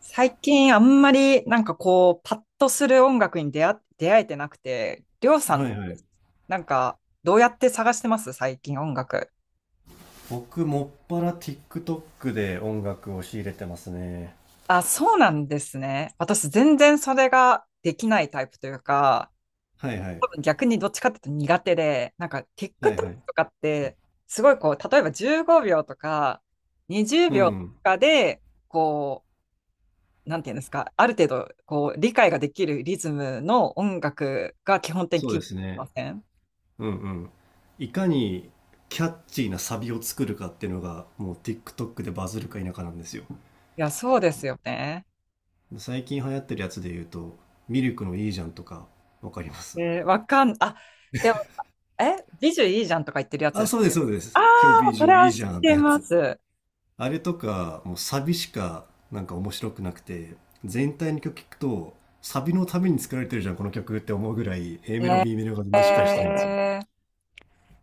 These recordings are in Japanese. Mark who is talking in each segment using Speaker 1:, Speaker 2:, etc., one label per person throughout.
Speaker 1: 最近あんまりパッとする音楽に出会えてなくて、りょうさ
Speaker 2: は
Speaker 1: ん、
Speaker 2: いはい。
Speaker 1: なんかどうやって探してます最近音楽。
Speaker 2: 僕、もっぱら TikTok で音楽を仕入れてますね。
Speaker 1: あ、そうなんですね。私全然それができないタイプというか、
Speaker 2: はいはい。
Speaker 1: 多分逆にどっちかっていうと苦手で、なんか TikTok
Speaker 2: はいはい。
Speaker 1: とかって、すごいこう、例えば15秒とか20
Speaker 2: う
Speaker 1: 秒と
Speaker 2: ん。
Speaker 1: かで、こなんていうんですか、ある程度こう理解ができるリズムの音楽が基本
Speaker 2: そ
Speaker 1: 的
Speaker 2: うで
Speaker 1: に
Speaker 2: す
Speaker 1: あり
Speaker 2: ね。
Speaker 1: ません。
Speaker 2: うんうん。いかにキャッチーなサビを作るかっていうのが、もう TikTok でバズるか否かなんですよ。
Speaker 1: いや、そうですよね。
Speaker 2: 最近流行ってるやつで言うと、ミルクのいいじゃんとか、わかります。
Speaker 1: えー、わかん、あ、でも、え、美女いいじゃんとか言ってるやつ
Speaker 2: あ、
Speaker 1: です。
Speaker 2: そうです、そうで
Speaker 1: あ
Speaker 2: す。今日ビ
Speaker 1: あ、
Speaker 2: ー
Speaker 1: そ
Speaker 2: ジュ
Speaker 1: れ
Speaker 2: い
Speaker 1: は
Speaker 2: い
Speaker 1: 知
Speaker 2: じ
Speaker 1: っ
Speaker 2: ゃんって
Speaker 1: て
Speaker 2: や
Speaker 1: ま
Speaker 2: つ。
Speaker 1: す。
Speaker 2: あれとか、もうサビしかなんか面白くなくて、全体の曲聞くと、サビのために作られてるじゃん、この曲って思うぐらい、A メロ、B メロが全然しっかりしてないんですよ。
Speaker 1: えー、い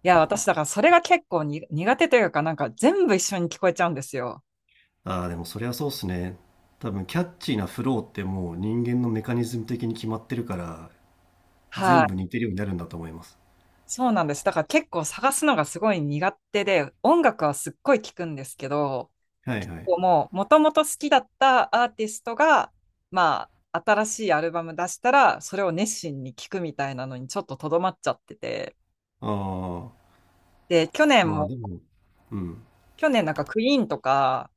Speaker 1: や、私、だからそれが結構に苦手というか、なんか全部一緒に聞こえちゃうんですよ。
Speaker 2: ああ、でもそりゃそうっすね。多分、キャッチーなフローってもう人間のメカニズム的に決まってるから、
Speaker 1: は
Speaker 2: 全部
Speaker 1: い。
Speaker 2: 似てるようになるんだと思います。
Speaker 1: そうなんです。だから結構探すのがすごい苦手で、音楽はすっごい聞くんですけど、
Speaker 2: はい
Speaker 1: 結
Speaker 2: はい。
Speaker 1: 構もう、もともと好きだったアーティストが、まあ、新しいアルバム出したら、それを熱心に聞くみたいなのにちょっととどまっちゃってて。
Speaker 2: ああ、
Speaker 1: で、去年
Speaker 2: まあ
Speaker 1: も、
Speaker 2: でも、うん。
Speaker 1: 去年なんかクイーンとか、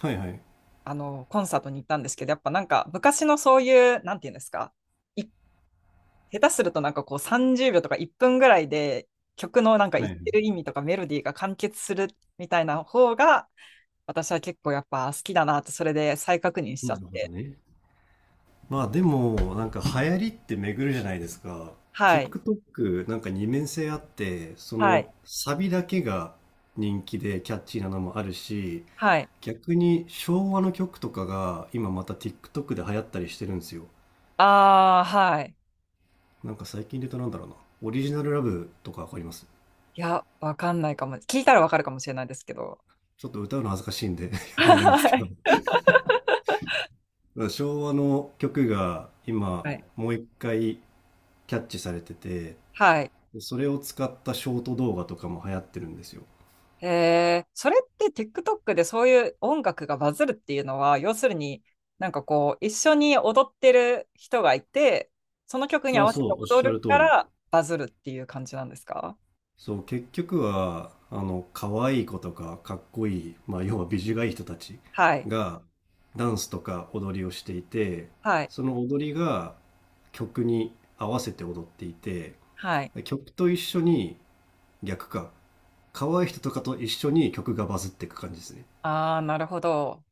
Speaker 2: はいはい。
Speaker 1: あの、コンサートに行ったんですけど、やっぱなんか昔のそういう、なんていうんですか、い下手するとなんかこう30秒とか1分ぐらいで曲のなんか
Speaker 2: は
Speaker 1: 言
Speaker 2: い
Speaker 1: っ
Speaker 2: は
Speaker 1: て
Speaker 2: い。
Speaker 1: る意味とかメロディーが完結するみたいな方が、私は結構やっぱ好きだなって、それで再確認しちゃ
Speaker 2: な
Speaker 1: っ
Speaker 2: るほど
Speaker 1: て。
Speaker 2: ね。まあでもなんか流行りって巡るじゃないですか。
Speaker 1: はい。
Speaker 2: TikTok なんか二面性あって、そ
Speaker 1: は
Speaker 2: の
Speaker 1: い。
Speaker 2: サビだけが人気でキャッチーなのもあるし、
Speaker 1: はい。
Speaker 2: 逆に昭和の曲とかが今また TikTok で流行ったりしてるんですよ。
Speaker 1: ああ、はい。
Speaker 2: なんか最近で言うとなんだろうな、オリジナルラブとかわかります？
Speaker 1: いや、わかんないかも。聞いたらわかるかもしれないですけど。
Speaker 2: ちょっと歌うの恥ずかしいんで やめますけ
Speaker 1: は
Speaker 2: ど、
Speaker 1: い。
Speaker 2: 昭和の曲が 今
Speaker 1: はい。
Speaker 2: もう一回キャッチされてて、
Speaker 1: はい。
Speaker 2: でそれを使ったショート動画とかも流行ってるんですよ。
Speaker 1: へえ、それって TikTok でそういう音楽がバズるっていうのは、要するに一緒に踊ってる人がいて、その曲に合
Speaker 2: あ、
Speaker 1: わせて
Speaker 2: そう、おっ
Speaker 1: 踊
Speaker 2: しゃ
Speaker 1: る
Speaker 2: る通
Speaker 1: か
Speaker 2: り。
Speaker 1: らバズるっていう感じなんですか？
Speaker 2: そう、結局は、あの、可愛い子とか、かっこいい、まあ、要は美女がいい人たち
Speaker 1: はい、
Speaker 2: が、ダンスとか踊りをしていて、
Speaker 1: はい、
Speaker 2: その踊りが曲に合わせて踊っていて、
Speaker 1: はい。
Speaker 2: 曲と一緒に、逆か、可愛い人とかと一緒に曲がバズっていく感じですね。
Speaker 1: ああ、なるほど。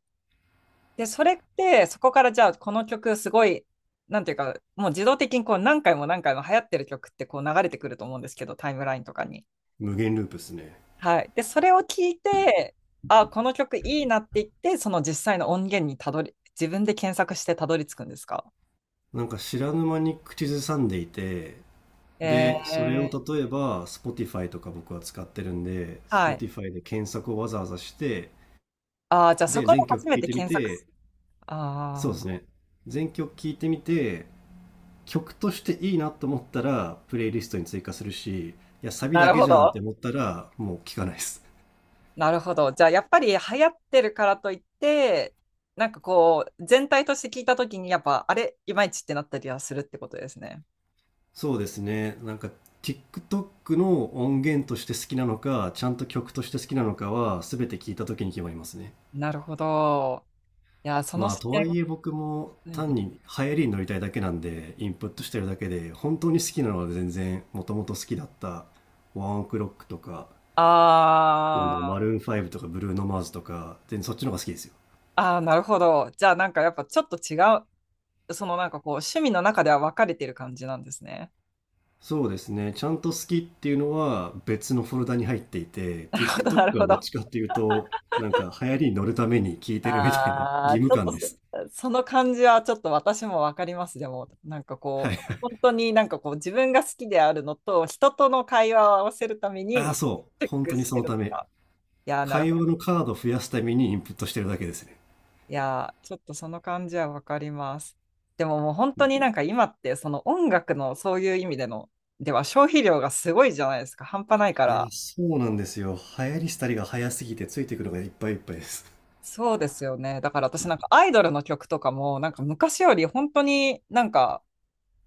Speaker 1: で、それって、そこからじゃあ、この曲すごい、なんていうか、もう自動的にこう何回も何回も流行ってる曲ってこう流れてくると思うんですけど、タイムラインとかに。
Speaker 2: 無限ループですね。
Speaker 1: はい。で、それを聞いて、あ、この曲いいなって言って、その実際の音源にたどり、自分で検索してたどり着くんですか？
Speaker 2: なんか知らぬ間に口ずさんでいて、
Speaker 1: え
Speaker 2: で、それを
Speaker 1: ー、
Speaker 2: 例えば Spotify とか僕は使ってるんで、
Speaker 1: はい。
Speaker 2: Spotify で検索をわざわざして、
Speaker 1: あー、じゃあそ
Speaker 2: で、
Speaker 1: こで
Speaker 2: 全曲
Speaker 1: 初
Speaker 2: 聴
Speaker 1: め
Speaker 2: い
Speaker 1: て
Speaker 2: てみ
Speaker 1: 検索す。
Speaker 2: て、そうで
Speaker 1: ああ、
Speaker 2: すね。全曲聴いてみて、曲としていいなと思ったら、プレイリストに追加するし、いや、サビ
Speaker 1: な
Speaker 2: だ
Speaker 1: る
Speaker 2: け
Speaker 1: ほ
Speaker 2: じゃんって
Speaker 1: ど。
Speaker 2: 思ったら、もう聴かないです。
Speaker 1: なるほど。じゃあやっぱり流行ってるからといって、全体として聞いたときに、やっぱ、あれ、いまいちってなったりはするってことですね。
Speaker 2: そうですね。なんか、TikTok の音源として好きなのか、ちゃんと曲として好きなのかは、全て聴いた時に決まりますね。
Speaker 1: なるほど。いや、その
Speaker 2: まあ、
Speaker 1: 視
Speaker 2: と
Speaker 1: 点、
Speaker 2: はいえ僕も
Speaker 1: ない
Speaker 2: 単
Speaker 1: ね。
Speaker 2: に流行りに乗りたいだけなんで、インプットしてるだけで、本当に好きなのは全然、もともと好きだった、ワンオクロックとか、なん
Speaker 1: あ
Speaker 2: だろう、マ
Speaker 1: ー
Speaker 2: ルーン5とかブルーノマーズとか、全然そっちの方が好きですよ。
Speaker 1: あー、なるほど。じゃあ、なんかやっぱちょっと違う、趣味の中では分かれてる感じなんですね。
Speaker 2: そうですね。ちゃんと好きっていうのは別のフォルダに入っていて、
Speaker 1: なる
Speaker 2: TikTok
Speaker 1: ほど、なるほ
Speaker 2: はどっ
Speaker 1: ど。
Speaker 2: ちかっていうと、なんか流行りに乗るために聞いてるみたいな
Speaker 1: あ
Speaker 2: 義
Speaker 1: あ、ち
Speaker 2: 務
Speaker 1: ょっ
Speaker 2: 感
Speaker 1: と
Speaker 2: です。
Speaker 1: そ、その感じはちょっと私も分かります。でも、なんかこ
Speaker 2: はい。
Speaker 1: う、本当になんかこう、自分が好きであるのと、人との会話を合わせるため
Speaker 2: ああ、
Speaker 1: に、
Speaker 2: そう。
Speaker 1: チェッ
Speaker 2: 本
Speaker 1: ク
Speaker 2: 当に
Speaker 1: し
Speaker 2: そ
Speaker 1: て
Speaker 2: の
Speaker 1: る
Speaker 2: た
Speaker 1: と
Speaker 2: め。
Speaker 1: か。いやー、なるほ
Speaker 2: 会
Speaker 1: ど。
Speaker 2: 話のカード増やすためにインプットしてるだけですね。
Speaker 1: いやー、ちょっとその感じは分かります。でももう本当に今って、その音楽のそういう意味での消費量がすごいじゃないですか。半端ないか
Speaker 2: いや、
Speaker 1: ら。
Speaker 2: そうなんですよ。流行りしたりが早すぎてついてくるのがいっぱいいっぱいです。
Speaker 1: そうですよね。だから私なんかアイドルの曲とかも、なんか昔より本当になんか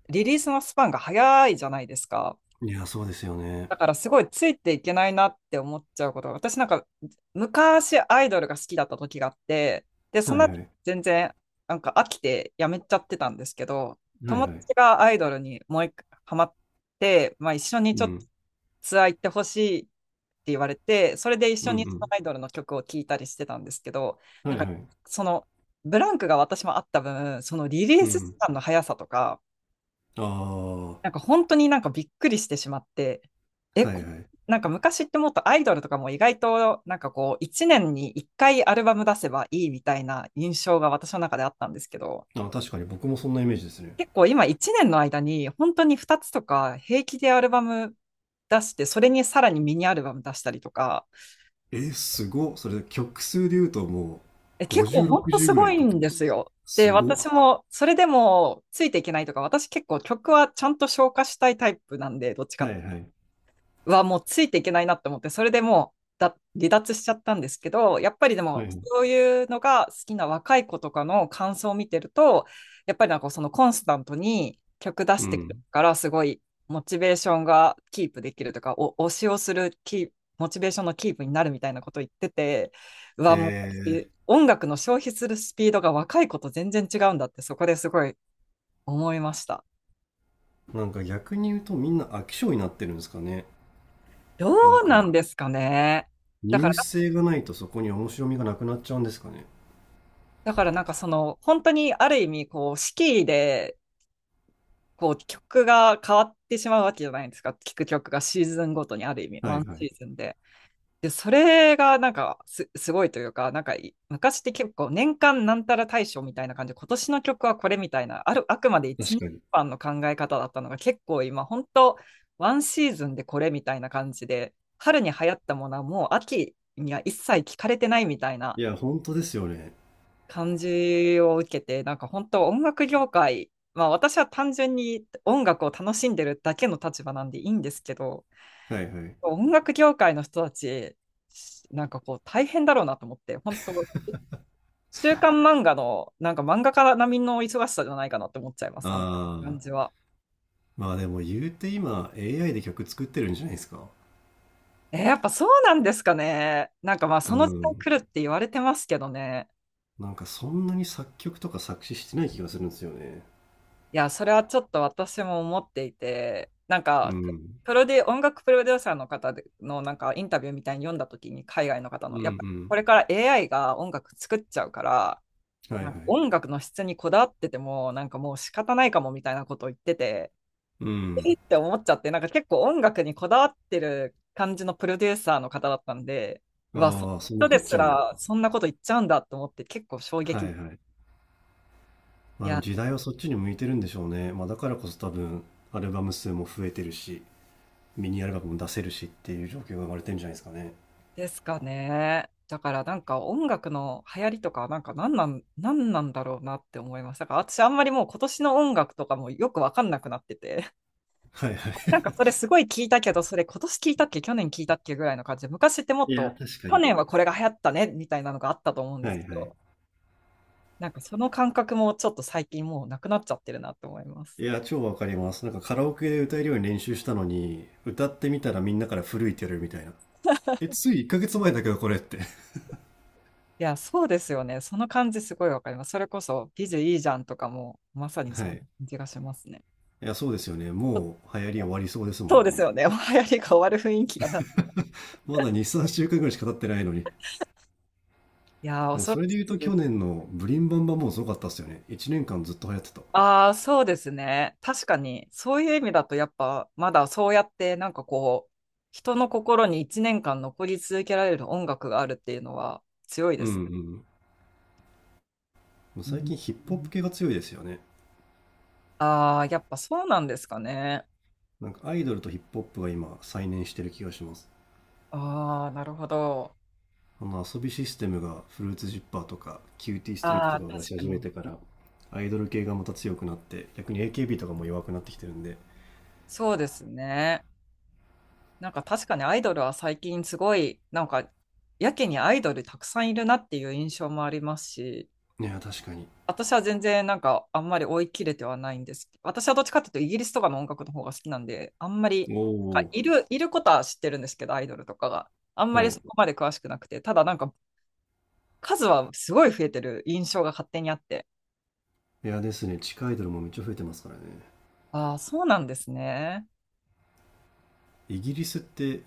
Speaker 1: リリースのスパンが早いじゃないですか。
Speaker 2: いや、そうですよね。
Speaker 1: だからすごいついていけないなって思っちゃうことが、私なんか昔アイドルが好きだった時があって、で、そ
Speaker 2: は
Speaker 1: の
Speaker 2: い
Speaker 1: 後
Speaker 2: はい。
Speaker 1: 全然なんか飽きてやめちゃってたんですけど、
Speaker 2: はい
Speaker 1: 友
Speaker 2: はい。
Speaker 1: 達がアイドルにもう一回ハマって、まあ一緒に
Speaker 2: う
Speaker 1: ちょっと
Speaker 2: ん。
Speaker 1: ツアー行ってほしいって言われて、それで一
Speaker 2: う
Speaker 1: 緒にその
Speaker 2: ん
Speaker 1: アイドルの曲を聴いたりしてたんですけど、
Speaker 2: うん。
Speaker 1: な
Speaker 2: は
Speaker 1: ん
Speaker 2: い
Speaker 1: か
Speaker 2: はい。
Speaker 1: そのブランクが私もあった分、そのリリー
Speaker 2: う
Speaker 1: ス時
Speaker 2: ん。
Speaker 1: 間の速さとか、
Speaker 2: あ
Speaker 1: なん
Speaker 2: あ。
Speaker 1: か本当になんかびっくりしてしまって、え、
Speaker 2: は
Speaker 1: こ
Speaker 2: いはい。
Speaker 1: なんか昔ってもっとアイドルとかも意外となんかこう1年に1回アルバム出せばいいみたいな印象が私の中であったんですけど、
Speaker 2: あ、確かに僕もそんなイメージですね。
Speaker 1: 結構今1年の間に本当に2つとか平気でアルバム出して、それにさらにミニアルバム出したりとか、
Speaker 2: え、すごっ。それ、曲数で言うとも
Speaker 1: え、
Speaker 2: う、
Speaker 1: 結構
Speaker 2: 50、
Speaker 1: 本当
Speaker 2: 60
Speaker 1: す
Speaker 2: ぐら
Speaker 1: ご
Speaker 2: いい
Speaker 1: い
Speaker 2: くって
Speaker 1: ん
Speaker 2: こと
Speaker 1: で
Speaker 2: です
Speaker 1: す
Speaker 2: か。
Speaker 1: よ。で、
Speaker 2: すご
Speaker 1: 私
Speaker 2: っ。
Speaker 1: もそれでもついていけないとか、私結構曲はちゃんと消化したいタイプなんで、どっちか
Speaker 2: は
Speaker 1: っ
Speaker 2: いは
Speaker 1: て
Speaker 2: い。
Speaker 1: はもうついていけないなって思って、それでもう離脱しちゃったんですけど、やっぱりで
Speaker 2: は
Speaker 1: も
Speaker 2: い。
Speaker 1: そういうのが好きな若い子とかの感想を見てると、やっぱりなんかそのコンスタントに曲出
Speaker 2: う
Speaker 1: してくる
Speaker 2: ん。
Speaker 1: から、すごいモチベーションがキープできるとか、お推しをするキープモチベーションのキープになるみたいなこと言ってて、う
Speaker 2: へ
Speaker 1: わ、もう
Speaker 2: え。
Speaker 1: 音楽の消費するスピードが若い子と全然違うんだって、そこですごい思いました。
Speaker 2: なんか逆に言うとみんな飽き性になってるんですかね。
Speaker 1: ど
Speaker 2: なん
Speaker 1: う
Speaker 2: か、
Speaker 1: なんですかね。
Speaker 2: ニ
Speaker 1: だか
Speaker 2: ュ
Speaker 1: ら
Speaker 2: ース性がないとそこに面白みがなくなっちゃうんですかね。
Speaker 1: だからなんかその、本当にある意味、こう、四季で、こう、曲が変わってしまうわけじゃないですか。聴く曲がシーズンごとにある意味、
Speaker 2: は
Speaker 1: ワン
Speaker 2: いは
Speaker 1: シ
Speaker 2: い。
Speaker 1: ーズンで。で、それがすごいというか、なんかい、昔って結構年間なんたら大賞みたいな感じで、今年の曲はこれみたいな、あくまで一
Speaker 2: 確
Speaker 1: 年
Speaker 2: かに。
Speaker 1: 間の考え方だったのが、結構今、本当ワンシーズンでこれみたいな感じで、春に流行ったものはもう秋には一切聞かれてないみたいな、
Speaker 2: いや、本当ですよね。
Speaker 1: 感じを受けて、なんか本当音楽業界、まあ私は単純に音楽を楽しんでるだけの立場なんでいいんですけど、
Speaker 2: はいはい。
Speaker 1: 音楽業界の人たち、なんかこう大変だろうなと思って、本当、週刊漫画の、なんか漫画家並みの忙しさじゃないかなって思っちゃいます、あの
Speaker 2: あ
Speaker 1: 感
Speaker 2: あ。
Speaker 1: じは。
Speaker 2: まあでも言うて今、AI で曲作ってるんじゃないですか。
Speaker 1: えーやっぱそうなんですかね。なんかまあ
Speaker 2: う
Speaker 1: その時代
Speaker 2: ん。
Speaker 1: 来るって言われてますけどね。
Speaker 2: なんかそんなに作曲とか作詞してない気がするんですよね。
Speaker 1: いや、それはちょっと私も思っていて、なん
Speaker 2: う
Speaker 1: か、
Speaker 2: ん。
Speaker 1: プロデュ、音楽プロデューサーの方でのなんかインタビューみたいに読んだ時に海外の方
Speaker 2: う
Speaker 1: の、
Speaker 2: んう
Speaker 1: やっぱこ
Speaker 2: ん。
Speaker 1: れから AI が音楽作っちゃうから、
Speaker 2: はいは
Speaker 1: な
Speaker 2: い。
Speaker 1: んか音楽の質にこだわってても、なんかもう仕方ないかもみたいなことを言ってて、
Speaker 2: う
Speaker 1: え
Speaker 2: ん。
Speaker 1: ーって思っちゃって、なんか結構音楽にこだわってる感じのプロデューサーの方だったんで、うわ、その
Speaker 2: ああ、そんな
Speaker 1: 人
Speaker 2: こと
Speaker 1: で
Speaker 2: 言っ
Speaker 1: す
Speaker 2: ちゃうんだ。
Speaker 1: らそんなこと言っちゃうんだと思って結構衝
Speaker 2: は
Speaker 1: 撃。
Speaker 2: いはい。
Speaker 1: い
Speaker 2: まあ、あの
Speaker 1: や
Speaker 2: 時代はそっちに向いてるんでしょうね。まあ、だからこそ多分、アルバム数も増えてるし、ミニアルバムも出せるしっていう状況が生まれてるんじゃないですかね。
Speaker 1: ですかね。だからなんか音楽の流行りとかなんか何なんだろうなって思いました。だから私あんまりもう今年の音楽とかもよくわかんなくなってて、
Speaker 2: はいはい。
Speaker 1: なんかそれすごい聞いたけど、それ今年聞いたっけ、去年聞いたっけぐらいの感じで、昔っても っ
Speaker 2: いや、
Speaker 1: と
Speaker 2: 確か
Speaker 1: 去
Speaker 2: に。
Speaker 1: 年はこれが流行ったねみたいなのがあったと思うんで
Speaker 2: は
Speaker 1: すけ
Speaker 2: いはい。
Speaker 1: ど、なんかその感覚もちょっと最近もうなくなっちゃってるなって思います。
Speaker 2: いや、超わかります。なんかカラオケで歌えるように練習したのに、歌ってみたらみんなから古いって言われるみたいな。え、つい1ヶ月前だけどこれって。
Speaker 1: いや、そうですよね。その感じすごいわかります。それこそ、ビジュいいじゃんとかも、まさ に
Speaker 2: は
Speaker 1: そんな
Speaker 2: い。
Speaker 1: 感じがしますね。
Speaker 2: いや、そうですよね。もう流行り終わりそうですも
Speaker 1: そ
Speaker 2: ん
Speaker 1: うです
Speaker 2: ね。
Speaker 1: よね。もう流行りが終わる雰囲気がな。
Speaker 2: まだ2、3週間ぐらいしか経ってないのに。
Speaker 1: いやー、
Speaker 2: でも
Speaker 1: 恐ろ
Speaker 2: それで
Speaker 1: し
Speaker 2: 言うと
Speaker 1: いで
Speaker 2: 去
Speaker 1: す。
Speaker 2: 年のブリンバンバンもすごかったっすよね。1年間ずっと流行ってた。
Speaker 1: ああ、そうですね。確かに、そういう意味だと、やっぱ、まだそうやって、人の心に1年間残り続けられる音楽があるっていうのは強い
Speaker 2: う
Speaker 1: です
Speaker 2: んうん。もう最近
Speaker 1: ね。
Speaker 2: ヒップホップ系が強いですよね。
Speaker 1: ああー、やっぱそうなんですかね。
Speaker 2: なんかアイドルとヒップホップが今再燃してる気がします。
Speaker 1: ああ、なるほど。
Speaker 2: あの遊びシステムがフルーツジッパーとかキューティーストリー
Speaker 1: あ
Speaker 2: トと
Speaker 1: あ、
Speaker 2: かを出し
Speaker 1: 確か
Speaker 2: 始
Speaker 1: に。
Speaker 2: めてから、アイドル系がまた強くなって逆に AKB とかも弱くなってきてるんで。
Speaker 1: そうですね。なんか確かにアイドルは最近すごい、なんか、やけにアイドルたくさんいるなっていう印象もありますし、
Speaker 2: いや、確かに。
Speaker 1: 私は全然なんかあんまり追い切れてはないんですけど。私はどっちかっていうとイギリスとかの音楽の方が好きなんで、あんまり、
Speaker 2: お
Speaker 1: なんか
Speaker 2: お。
Speaker 1: いることは知ってるんですけど、アイドルとかが。あんま
Speaker 2: は
Speaker 1: りそ
Speaker 2: い。
Speaker 1: こまで詳しくなくて、ただなんか数はすごい増えてる印象が勝手にあって。
Speaker 2: いやですね。地下アイドルもめっちゃ増えてますからね。
Speaker 1: ああ、そうなんですね。
Speaker 2: イギリスって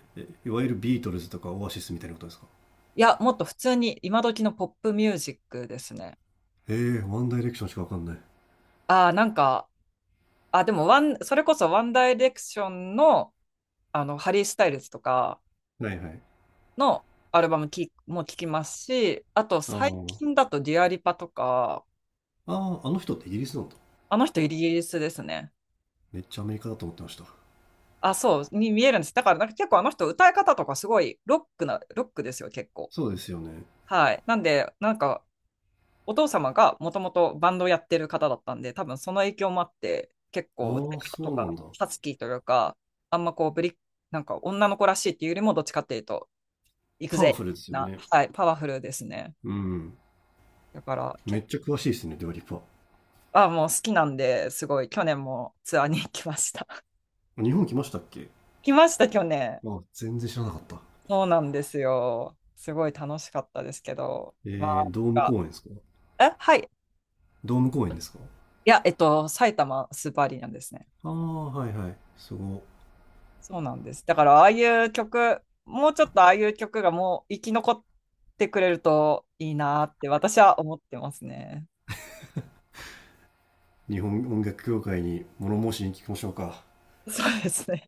Speaker 2: いわゆるビートルズとかオアシスみたいなことですか？
Speaker 1: いや、もっと普通に今時のポップミュージックですね。
Speaker 2: えー、ワンダイレクションしかわかんない。
Speaker 1: ああ、なんか、あ、でもワン、それこそワンダイレクションの、あの、ハリー・スタイルズとか、
Speaker 2: はいはい。
Speaker 1: のアルバムきも聴きますし、あと
Speaker 2: あ
Speaker 1: 最
Speaker 2: ー。
Speaker 1: 近だとディアリパとか、
Speaker 2: あー、あの人ってイギリスなんだ。
Speaker 1: あの人イギリスですね。
Speaker 2: めっちゃアメリカだと思ってました。
Speaker 1: あ、そう、に見えるんです。だからなんか結構あの人歌い方とかすごいロックですよ、結構。
Speaker 2: そうですよね。
Speaker 1: はい。なんで、なんかお父様がもともとバンドをやってる方だったんで、多分その影響もあって、結
Speaker 2: ああ
Speaker 1: 構歌い
Speaker 2: ー、
Speaker 1: 方
Speaker 2: そ
Speaker 1: と
Speaker 2: うな
Speaker 1: か、
Speaker 2: んだ。
Speaker 1: ハスキーというか、あんまこうブリ、なんか女の子らしいっていうよりも、どっちかっていうと、行く
Speaker 2: パワフルですよね。
Speaker 1: はい、パワフルですね。
Speaker 2: うん。
Speaker 1: だから
Speaker 2: め
Speaker 1: 結
Speaker 2: っちゃ詳しいですねデュアリパ。
Speaker 1: あ、もう好きなんで、すごい、去年もツアーに行きました。
Speaker 2: 日本来ましたっけ？
Speaker 1: 来ました、去年。
Speaker 2: あ、全然知らなかった。
Speaker 1: そうなんですよ。すごい楽しかったですけど。まあ、
Speaker 2: えー、ドー
Speaker 1: なん
Speaker 2: ム
Speaker 1: か
Speaker 2: 公演ですか？
Speaker 1: え、はい。
Speaker 2: ドーム公演ですか？
Speaker 1: いや、えっと、埼玉スーパーアリーナですね。
Speaker 2: ああー、はいはい、すごい。
Speaker 1: そうなんです。だから、ああいう曲、もうちょっとああいう曲がもう生き残ってくれるといいなって私は思ってますね。
Speaker 2: 日本音楽協会に物申しに聞きましょうか？
Speaker 1: そうですね。